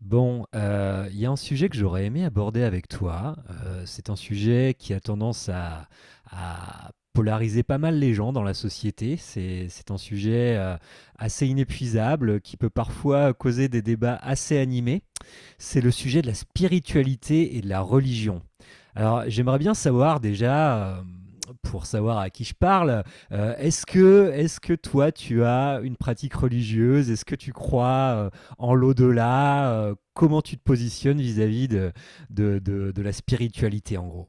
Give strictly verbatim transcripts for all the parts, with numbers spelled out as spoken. Bon, heu, il y a un sujet que j'aurais aimé aborder avec toi. Heu, c'est un sujet qui a tendance à à polariser pas mal les gens dans la société. C'est c'est un sujet, heu, assez inépuisable, qui peut parfois causer des débats assez animés. C'est le sujet de la spiritualité et de la religion. Alors, j'aimerais bien savoir déjà, euh, pour savoir à qui je parle, euh, est-ce que, est ce que toi, tu as une pratique religieuse? Est-ce que tu crois, euh, en l'au-delà? Euh, Comment tu te positionnes vis-à-vis de, de, de- de la spiritualité, en gros?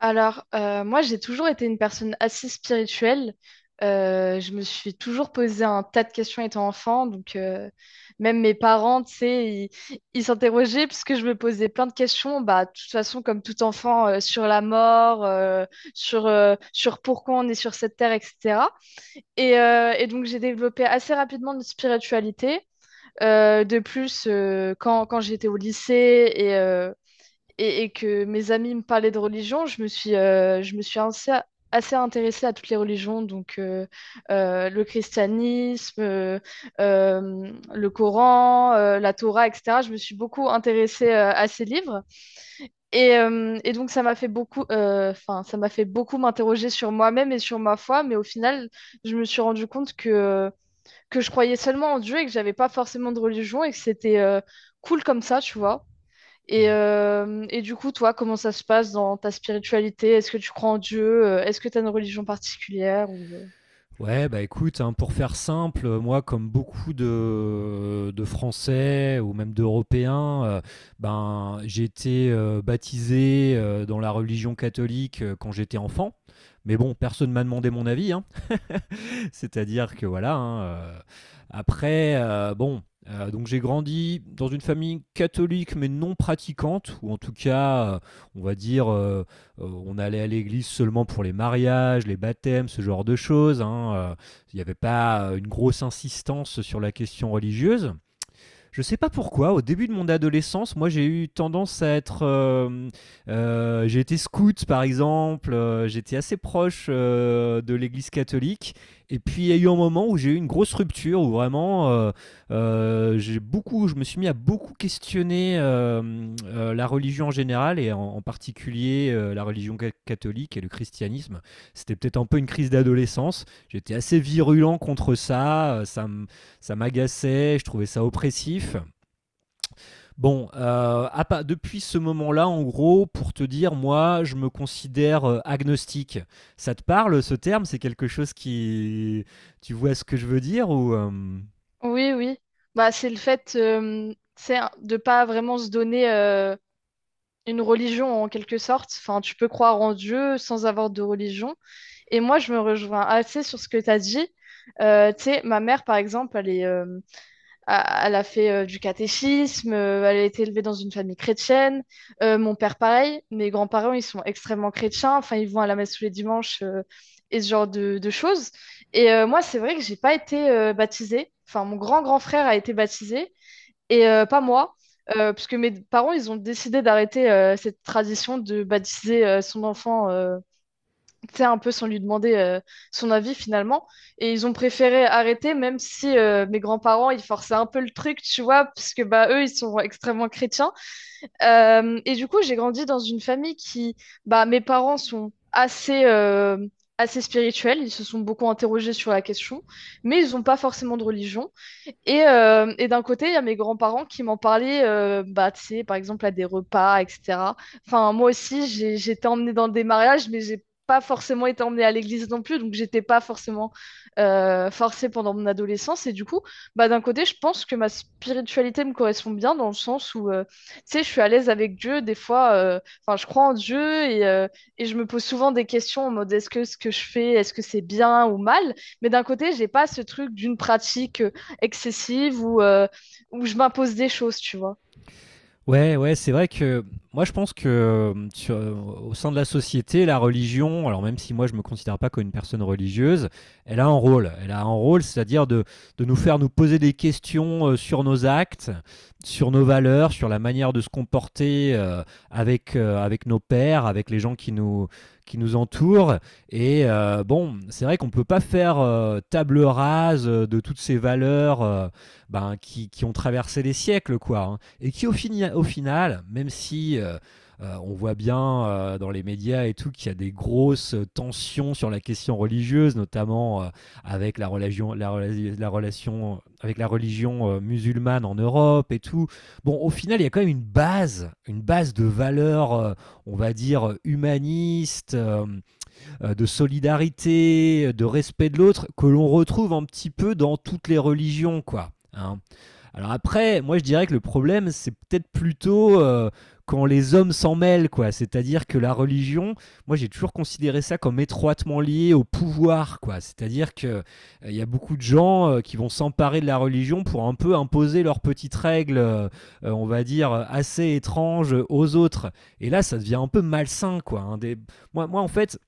Alors, euh, moi, j'ai toujours été une personne assez spirituelle. Euh, je me suis toujours posé un tas de questions étant enfant. Donc, euh, même mes parents, tu sais, ils ils s'interrogeaient puisque je me posais plein de questions. Bah, de toute façon, comme tout enfant, euh, sur la mort, euh, sur, euh, sur pourquoi on est sur cette terre, et cetera. Et, euh, et donc, j'ai développé assez rapidement une spiritualité. Euh, de plus, euh, quand, quand j'étais au lycée et, euh, et, et que mes amis me parlaient de religion, je me suis, euh, je me suis assez, assez intéressée à toutes les religions, donc euh, euh, le christianisme, euh, euh, le Coran, euh, la Torah, et cetera. Je me suis beaucoup intéressée euh, à ces livres. Et, euh, et donc, ça m'a fait beaucoup, euh, enfin, ça m'a fait beaucoup m'interroger sur moi-même et sur ma foi, mais au final, je me suis rendu compte que, que je croyais seulement en Dieu et que j'avais pas forcément de religion et que c'était... euh, cool comme ça, tu vois. Et, Mm. euh, et du coup, toi, comment ça se passe dans ta spiritualité? Est-ce que tu crois en Dieu? Euh, Est-ce que tu as une religion particulière ou... euh Ouais, bah écoute, hein, pour faire simple, euh, moi, comme beaucoup de, euh, de Français ou même d'Européens, euh, ben, j'ai été euh, baptisé euh, dans la religion catholique euh, quand j'étais enfant. Mais bon, personne ne m'a demandé mon avis, hein. C'est-à-dire que voilà. hein, euh, après, euh, bon, euh, donc j'ai grandi dans une famille catholique mais non pratiquante, ou en tout cas, euh, on va dire, euh, euh, on allait à l'église seulement pour les mariages, les baptêmes, ce genre de choses. hein, euh, Il n'y avait pas euh, une grosse insistance sur la question religieuse. Je sais pas pourquoi, au début de mon adolescence, moi j'ai eu tendance à être. euh, euh, j'ai été scout par exemple, euh, j'étais assez proche euh, de l'église catholique. Et puis il y a eu un moment où j'ai eu une grosse rupture, où vraiment euh, euh, j'ai beaucoup, je me suis mis à beaucoup questionner euh, euh, la religion en général et en, en particulier euh, la religion ca- catholique et le christianisme. C'était peut-être un peu une crise d'adolescence. J'étais assez virulent contre ça. Euh, Ça me ça m'agaçait, je trouvais ça oppressif. Bon, euh, à depuis ce moment-là, en gros, pour te dire, moi, je me considère euh, agnostique. Ça te parle, ce terme? C'est quelque chose qui... Tu vois ce que je veux dire ou... euh, Oui, oui. Bah, c'est le fait, euh, c'est un- de pas vraiment se donner euh, une religion en quelque sorte. Enfin, tu peux croire en Dieu sans avoir de religion. Et moi, je me rejoins assez sur ce que tu as dit. Euh, tu sais, ma mère, par exemple, elle est, euh, a- elle a fait euh, du catéchisme, euh, elle a été élevée dans une famille chrétienne. Euh, mon père, pareil. Mes grands-parents, ils sont extrêmement chrétiens. Enfin, ils vont à la messe tous les dimanches, euh, et ce genre de, de choses. Et euh, moi, c'est vrai que j'ai pas été euh, baptisée. Enfin, mon grand-grand frère a été baptisé et euh, pas moi. Euh, puisque mes parents, ils ont décidé d'arrêter euh, cette tradition de baptiser euh, son enfant, euh, tu sais, un peu sans lui demander euh, son avis finalement. Et ils ont préféré arrêter, même si euh, mes grands-parents, ils forçaient un peu le truc, tu vois, parce que bah, eux, ils sont extrêmement chrétiens. Euh, et du coup, j'ai grandi dans une famille qui, bah, mes parents sont assez... euh, assez spirituels, ils se sont beaucoup interrogés sur la question, mais ils n'ont pas forcément de religion. Et, euh, et d'un côté, il y a mes grands-parents qui m'en parlaient, euh, bah, tu sais, par exemple, à des repas, et cetera. Enfin, moi aussi, j'ai, j'ai été emmenée dans des mariages, mais j'ai pas forcément été emmenée à l'église non plus, donc j'étais pas forcément euh, forcée pendant mon adolescence. Et du coup, bah, d'un côté, je pense que ma spiritualité me correspond bien dans le sens où, euh, tu sais, je suis à l'aise avec Dieu des fois. euh, Enfin, je crois en Dieu et, euh, et je me pose souvent des questions en mode est-ce que ce que je fais, est-ce que c'est bien ou mal? Mais d'un côté, j'ai pas ce truc d'une pratique euh, excessive ou euh, où je m'impose des choses, tu vois. ouais, ouais, c'est vrai que moi je pense que euh, sur- euh, au sein de la société, la religion, alors même si moi je me considère pas comme une personne religieuse, elle a un rôle. Elle a un rôle, c'est-à-dire de, de nous faire nous poser des questions euh, sur nos actes, sur nos valeurs, sur la manière de se comporter euh, avec, euh, avec nos pères, avec les gens qui nous, qui nous entourent. Et euh, bon, c'est vrai qu'on peut pas faire euh, table rase euh, de toutes ces valeurs, euh, ben, qui, qui ont traversé les siècles, quoi, hein, et qui au, fini- au final, même si euh, euh, on voit bien euh, dans les médias et tout qu'il y a des grosses tensions sur la question religieuse, notamment euh, avec la religion, la, rela- la relation avec la religion euh, musulmane en Europe et tout. Bon, au final, il y a quand même une base, une base de valeurs, euh, on va dire humaniste, euh, euh, de solidarité, de respect de l'autre, que l'on retrouve un petit peu dans toutes les religions, quoi, hein. Alors après, moi je dirais que le problème, c'est peut-être plutôt euh, quand les hommes s'en mêlent, quoi. C'est-à-dire que la religion, moi j'ai toujours considéré ça comme étroitement lié au pouvoir, quoi. C'est-à-dire que euh, il y a beaucoup de gens euh, qui vont s'emparer de la religion pour un peu imposer leurs petites règles, euh, euh, on va dire assez étranges aux autres. Et là, ça devient un peu malsain, quoi, hein. Des- Moi, moi, en fait,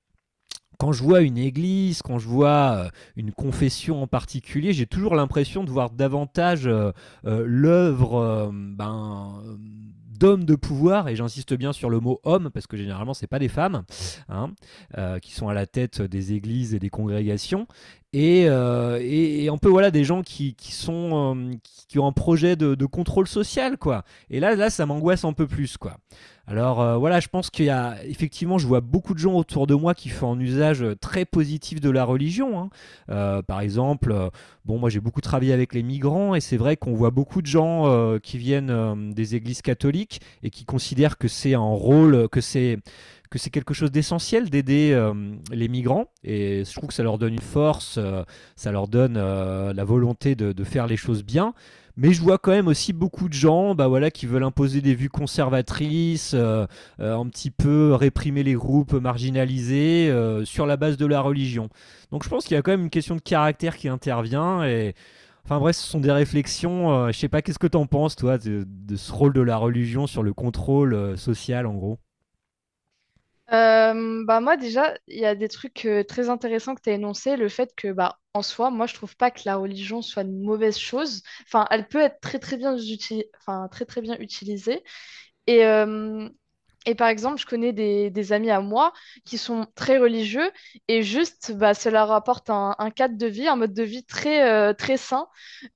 quand je vois une église, quand je vois euh, une confession en particulier, j'ai toujours l'impression de voir davantage euh, euh, l'œuvre, euh, ben, euh, d'hommes de pouvoir, et j'insiste bien sur le mot homme, parce que généralement, ce n'est pas des femmes, hein, euh, qui sont à la tête des églises et des congrégations. Et, euh, et- et un peu voilà des gens qui, qui sont euh, qui, qui ont un projet de, de contrôle social, quoi. Et là là ça m'angoisse un peu plus, quoi. Alors euh, voilà, je pense qu'il y a effectivement, je vois beaucoup de gens autour de moi qui font un usage euh, très positif de la religion, hein. Euh, par exemple, euh, bon, moi j'ai beaucoup travaillé avec les migrants et c'est vrai qu'on voit beaucoup de gens euh, qui viennent euh, des églises catholiques et qui considèrent que c'est un rôle, que c'est que c'est quelque chose d'essentiel d'aider euh, les migrants et je trouve que ça leur donne une force, euh, ça leur donne euh, la volonté de, de faire les choses bien, mais je vois quand même aussi beaucoup de gens, bah voilà, qui veulent imposer des vues conservatrices, euh, euh, un petit peu réprimer les groupes marginalisés euh, sur la base de la religion. Donc je pense qu'il y a quand même une question de caractère qui intervient. Et... Enfin bref, ce sont des réflexions. euh, je sais pas, qu'est-ce que t'en penses, toi, de, de ce rôle de la religion sur le contrôle euh, social, en gros? Euh, bah moi déjà, il y a des trucs, euh, très intéressants que tu as énoncés, le fait que bah en soi, moi je trouve pas que la religion soit une mauvaise chose. Enfin, elle peut être très très bien uti- enfin très très bien utilisée. Et euh, Et par exemple, je connais des, des amis à moi qui sont très religieux et juste, bah, ça leur apporte un, un cadre de vie, un mode de vie très, euh, très sain.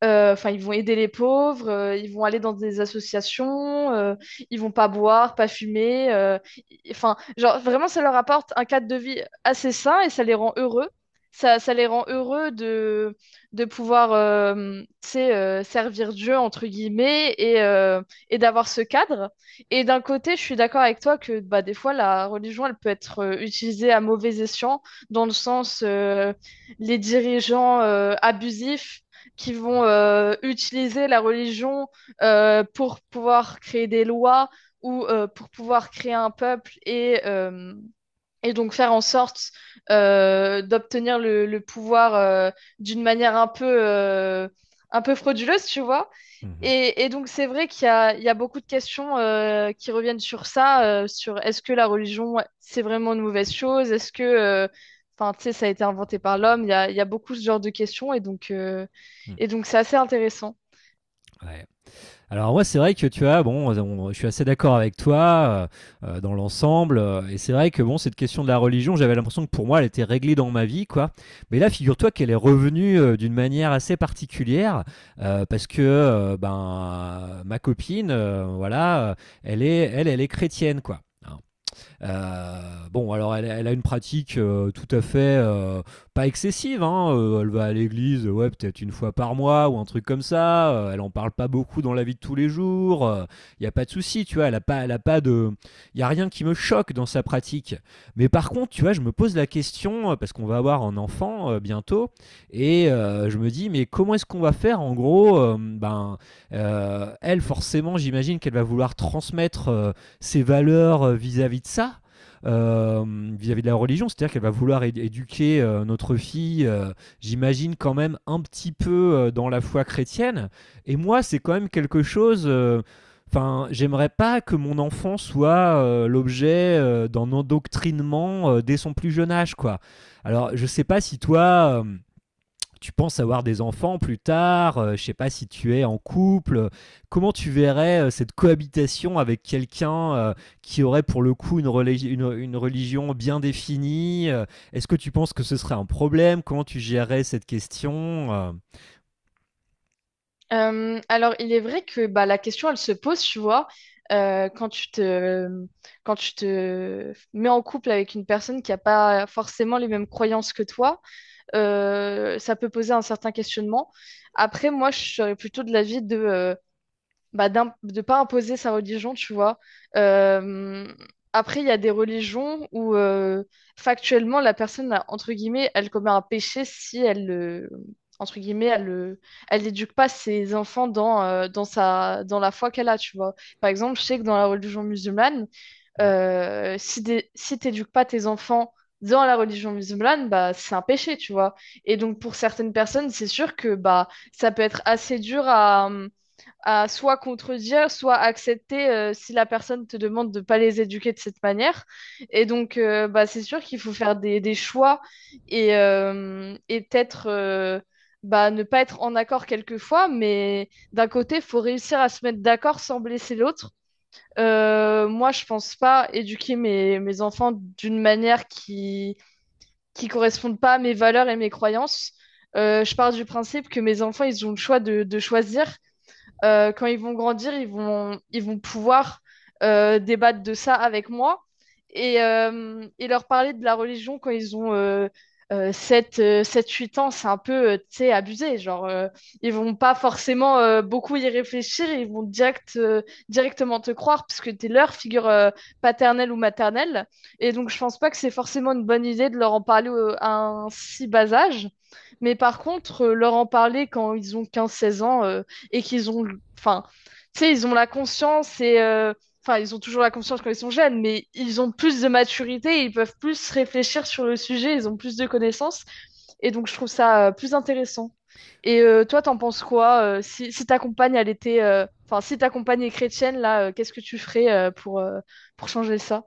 Euh, Enfin, ils vont aider les pauvres, euh, ils vont aller dans des associations, euh, ils vont pas boire, pas fumer. euh, y- Enfin, genre, vraiment, ça leur apporte un cadre de vie assez sain et ça les rend heureux. Ça, ça les rend heureux de, de pouvoir, euh, tu sais, euh, servir Dieu, entre guillemets, et, euh, et d'avoir ce cadre. Et d'un côté, je suis d'accord avec toi que bah, des fois, la religion, elle peut être euh, utilisée à mauvais escient, dans le sens, euh, les dirigeants, euh, abusifs qui vont euh, utiliser la religion euh, pour pouvoir créer des lois ou euh, pour pouvoir créer un peuple et, euh, et donc faire en sorte euh, d'obtenir le, le pouvoir, euh, d'une manière un peu, euh, un peu frauduleuse, tu vois. Mhm, Et, et donc c'est vrai qu'il y a, il y a beaucoup de questions, euh, qui reviennent sur ça, euh, sur est-ce que la religion, ouais, c'est vraiment une mauvaise chose? Est-ce que, euh, enfin, tu sais, ça a été inventé par l'homme? Il y a, il y a beaucoup ce genre de questions et donc, euh, mhm. et donc c'est assez intéressant. Ouais, alors moi, c'est vrai que tu as, bon, on- je suis assez d'accord avec toi euh, euh, dans l'ensemble, euh, et c'est vrai que bon, cette question de la religion, j'avais l'impression que pour moi, elle était réglée dans ma vie, quoi. Mais là, figure-toi qu'elle est revenue euh, d'une manière assez particulière, euh, parce que euh, ben ma copine, euh, voilà, euh, elle est, elle, elle est chrétienne, quoi. Euh, bon, alors elle, elle a une pratique euh, tout à fait euh, pas excessive, hein, euh, elle va à l'église, euh, ouais, peut-être une fois par mois ou un truc comme ça. euh, elle en parle pas beaucoup dans la vie de tous les jours. Il n'y a pas de souci, tu vois. Elle a pas, elle a pas de, il y a rien qui me choque dans sa pratique. Mais par contre, tu vois, je me pose la question euh, parce qu'on va avoir un enfant euh, bientôt et euh, je me dis, mais comment est-ce qu'on va faire en gros? euh, Ben, euh, elle, forcément, j'imagine qu'elle va vouloir transmettre euh, ses valeurs euh, vis-à-vis de ça, euh, vis-à-vis euh, de la religion, c'est-à-dire qu'elle va vouloir é- éduquer euh, notre fille, euh, j'imagine quand même un petit peu euh, dans la foi chrétienne. Et moi, c'est quand même quelque chose. euh, Enfin, j'aimerais pas que mon enfant soit euh, l'objet euh, d'un endoctrinement euh, dès son plus jeune âge, quoi. Alors, je sais pas si toi, euh, tu penses avoir des enfants plus tard, euh, je sais pas si tu es en couple, euh, comment tu verrais euh, cette cohabitation avec quelqu'un euh, qui aurait pour le coup une, religi- une- une religion bien définie. euh, Est-ce que tu penses que ce serait un problème? Comment tu gérerais cette question? Euh, Euh, alors, il est vrai que bah, la question, elle se pose, tu vois, euh, quand tu te, quand tu te mets en couple avec une personne qui n'a pas forcément les mêmes croyances que toi, euh, ça peut poser un certain questionnement. Après, moi, je serais plutôt de l'avis de, euh, bah, d'im- de pas imposer sa religion, tu vois. Euh, après, il y a des religions où, euh, factuellement la personne, a- entre guillemets, elle commet un péché si elle le, entre guillemets, elle le, elle n'éduque pas ses enfants dans, euh, dans sa, dans la foi qu'elle a, tu vois. Par exemple, je sais que dans la religion musulmane, euh, si des, si t'éduques pas tes enfants dans la religion musulmane, bah c'est un péché, tu vois. Et donc pour certaines personnes, c'est sûr que bah ça peut être assez dur à à soit contredire, soit accepter, euh, si la personne te demande de pas les éduquer de cette manière. Et donc, euh, bah, c'est sûr qu'il faut faire des, des choix et, euh, et peut-être, euh, bah, ne pas être en accord quelquefois, mais d'un côté, il faut réussir à se mettre d'accord sans blesser l'autre. Euh, moi, je pense pas éduquer mes, mes enfants d'une manière qui qui corresponde pas à mes valeurs et mes croyances. Euh, je pars du principe que mes enfants, ils ont le choix de, de choisir, euh, quand ils vont grandir, ils vont, ils vont pouvoir euh, débattre de ça avec moi et, euh, et leur parler de la religion quand ils ont euh, euh, sept, euh, sept, huit ans, c'est un peu, euh, tu sais, abusé. Genre, euh, ils vont pas forcément euh, beaucoup y réfléchir, ils vont direct, euh, directement te croire parce que t'es leur figure, euh, paternelle ou maternelle. Et donc, je pense pas que c'est forcément une bonne idée de leur en parler euh, à un si bas âge. Mais par contre, euh, leur en parler quand ils ont quinze seize ans, euh, et qu'ils ont, enfin, tu sais, ils ont la conscience et, euh, enfin, ils ont toujours la conscience quand ils sont jeunes, mais ils ont plus de maturité, ils peuvent plus réfléchir sur le sujet, ils ont plus de connaissances. Et donc, je trouve ça euh, plus intéressant. Et euh, toi, t'en penses quoi, euh, si, si ta compagne, elle était, euh, enfin, si ta compagne est chrétienne, là, euh, qu'est-ce que tu ferais, euh, pour, euh, pour changer ça?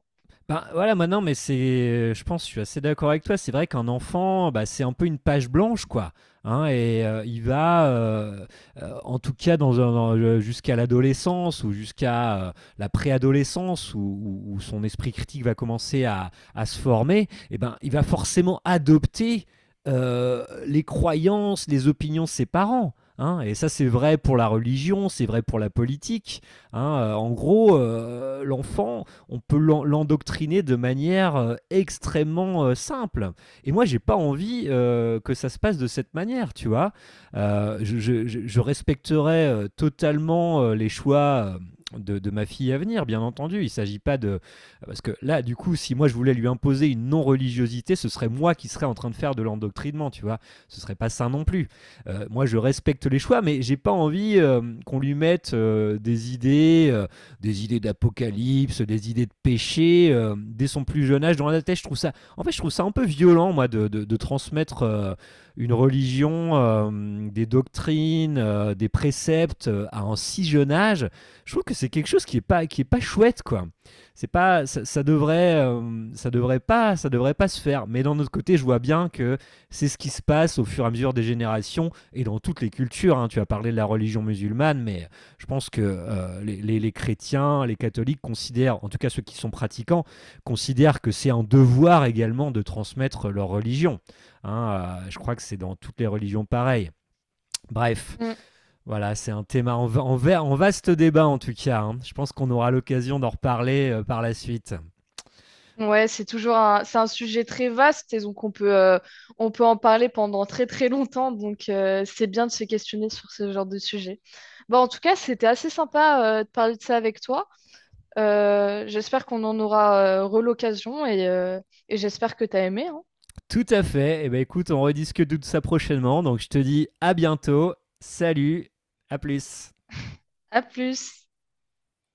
Ben, voilà, maintenant, mais c'est, euh, je pense, je suis assez d'accord avec toi. C'est vrai qu'un enfant, bah, c'est un peu une page blanche, quoi, hein, et euh, il va, euh, euh, en tout cas, dans, un- dans- euh, jusqu'à l'adolescence ou jusqu'à euh, la préadolescence où, où- où son esprit critique va commencer à, à se former. Et ben, il va forcément adopter euh, les croyances, les opinions de ses parents, hein. Et ça, c'est vrai pour la religion, c'est vrai pour la politique, hein. Euh, en gros, euh, l'enfant, on peut l'en- l'endoctriner de manière euh, extrêmement euh, simple. Et moi, j'ai pas envie euh, que ça se passe de cette manière, tu vois. Euh, je, je- je- respecterai euh, totalement euh, les choix. euh, De, de ma fille à venir, bien entendu. Il ne s'agit pas de... Parce que là, du coup, si moi je voulais lui imposer une non-religiosité, ce serait moi qui serais en train de faire de l'endoctrinement, tu vois. Ce serait pas sain non plus. Euh, moi, je respecte les choix, mais j'ai pas envie euh, qu'on lui mette euh, des idées, euh, des idées d'apocalypse, des idées de péché euh, dès son plus jeune âge. Dans la tête, je trouve ça, en fait, je trouve ça un peu violent, moi, de, de- de transmettre euh, une religion, euh, des doctrines, euh, des préceptes euh, à un si jeune âge. Je trouve que c'est quelque chose qui est pas, qui est pas chouette, quoi. C'est pas, ça, ça devrait, euh, ça devrait pas, ça devrait pas se faire. Mais d'un autre côté, je vois bien que c'est ce qui se passe au fur et à mesure des générations et dans toutes les cultures, hein. Tu as parlé de la religion musulmane, mais je pense que euh, les, les- les chrétiens, les catholiques considèrent, en tout cas ceux qui sont pratiquants, considèrent que c'est un devoir également de transmettre leur religion. Hein, euh, je crois que c'est dans toutes les religions pareilles. Bref, Mm. voilà, c'est un thème en, en en vaste débat en tout cas, hein. Je pense qu'on aura l'occasion d'en reparler euh, par la suite. Ouais, c'est toujours un, c'est un sujet très vaste et donc on peut, euh, on peut en parler pendant très très longtemps. Donc euh, c'est bien de se questionner sur ce genre de sujet. Bon, en tout cas, c'était assez sympa euh, de parler de ça avec toi. Euh, j'espère qu'on en aura, euh, re l'occasion et, euh, et j'espère que t'as aimé, hein. Tout à fait. Eh ben écoute, on rediscute de tout ça prochainement. Donc je te dis à bientôt. Salut, à plus. À plus.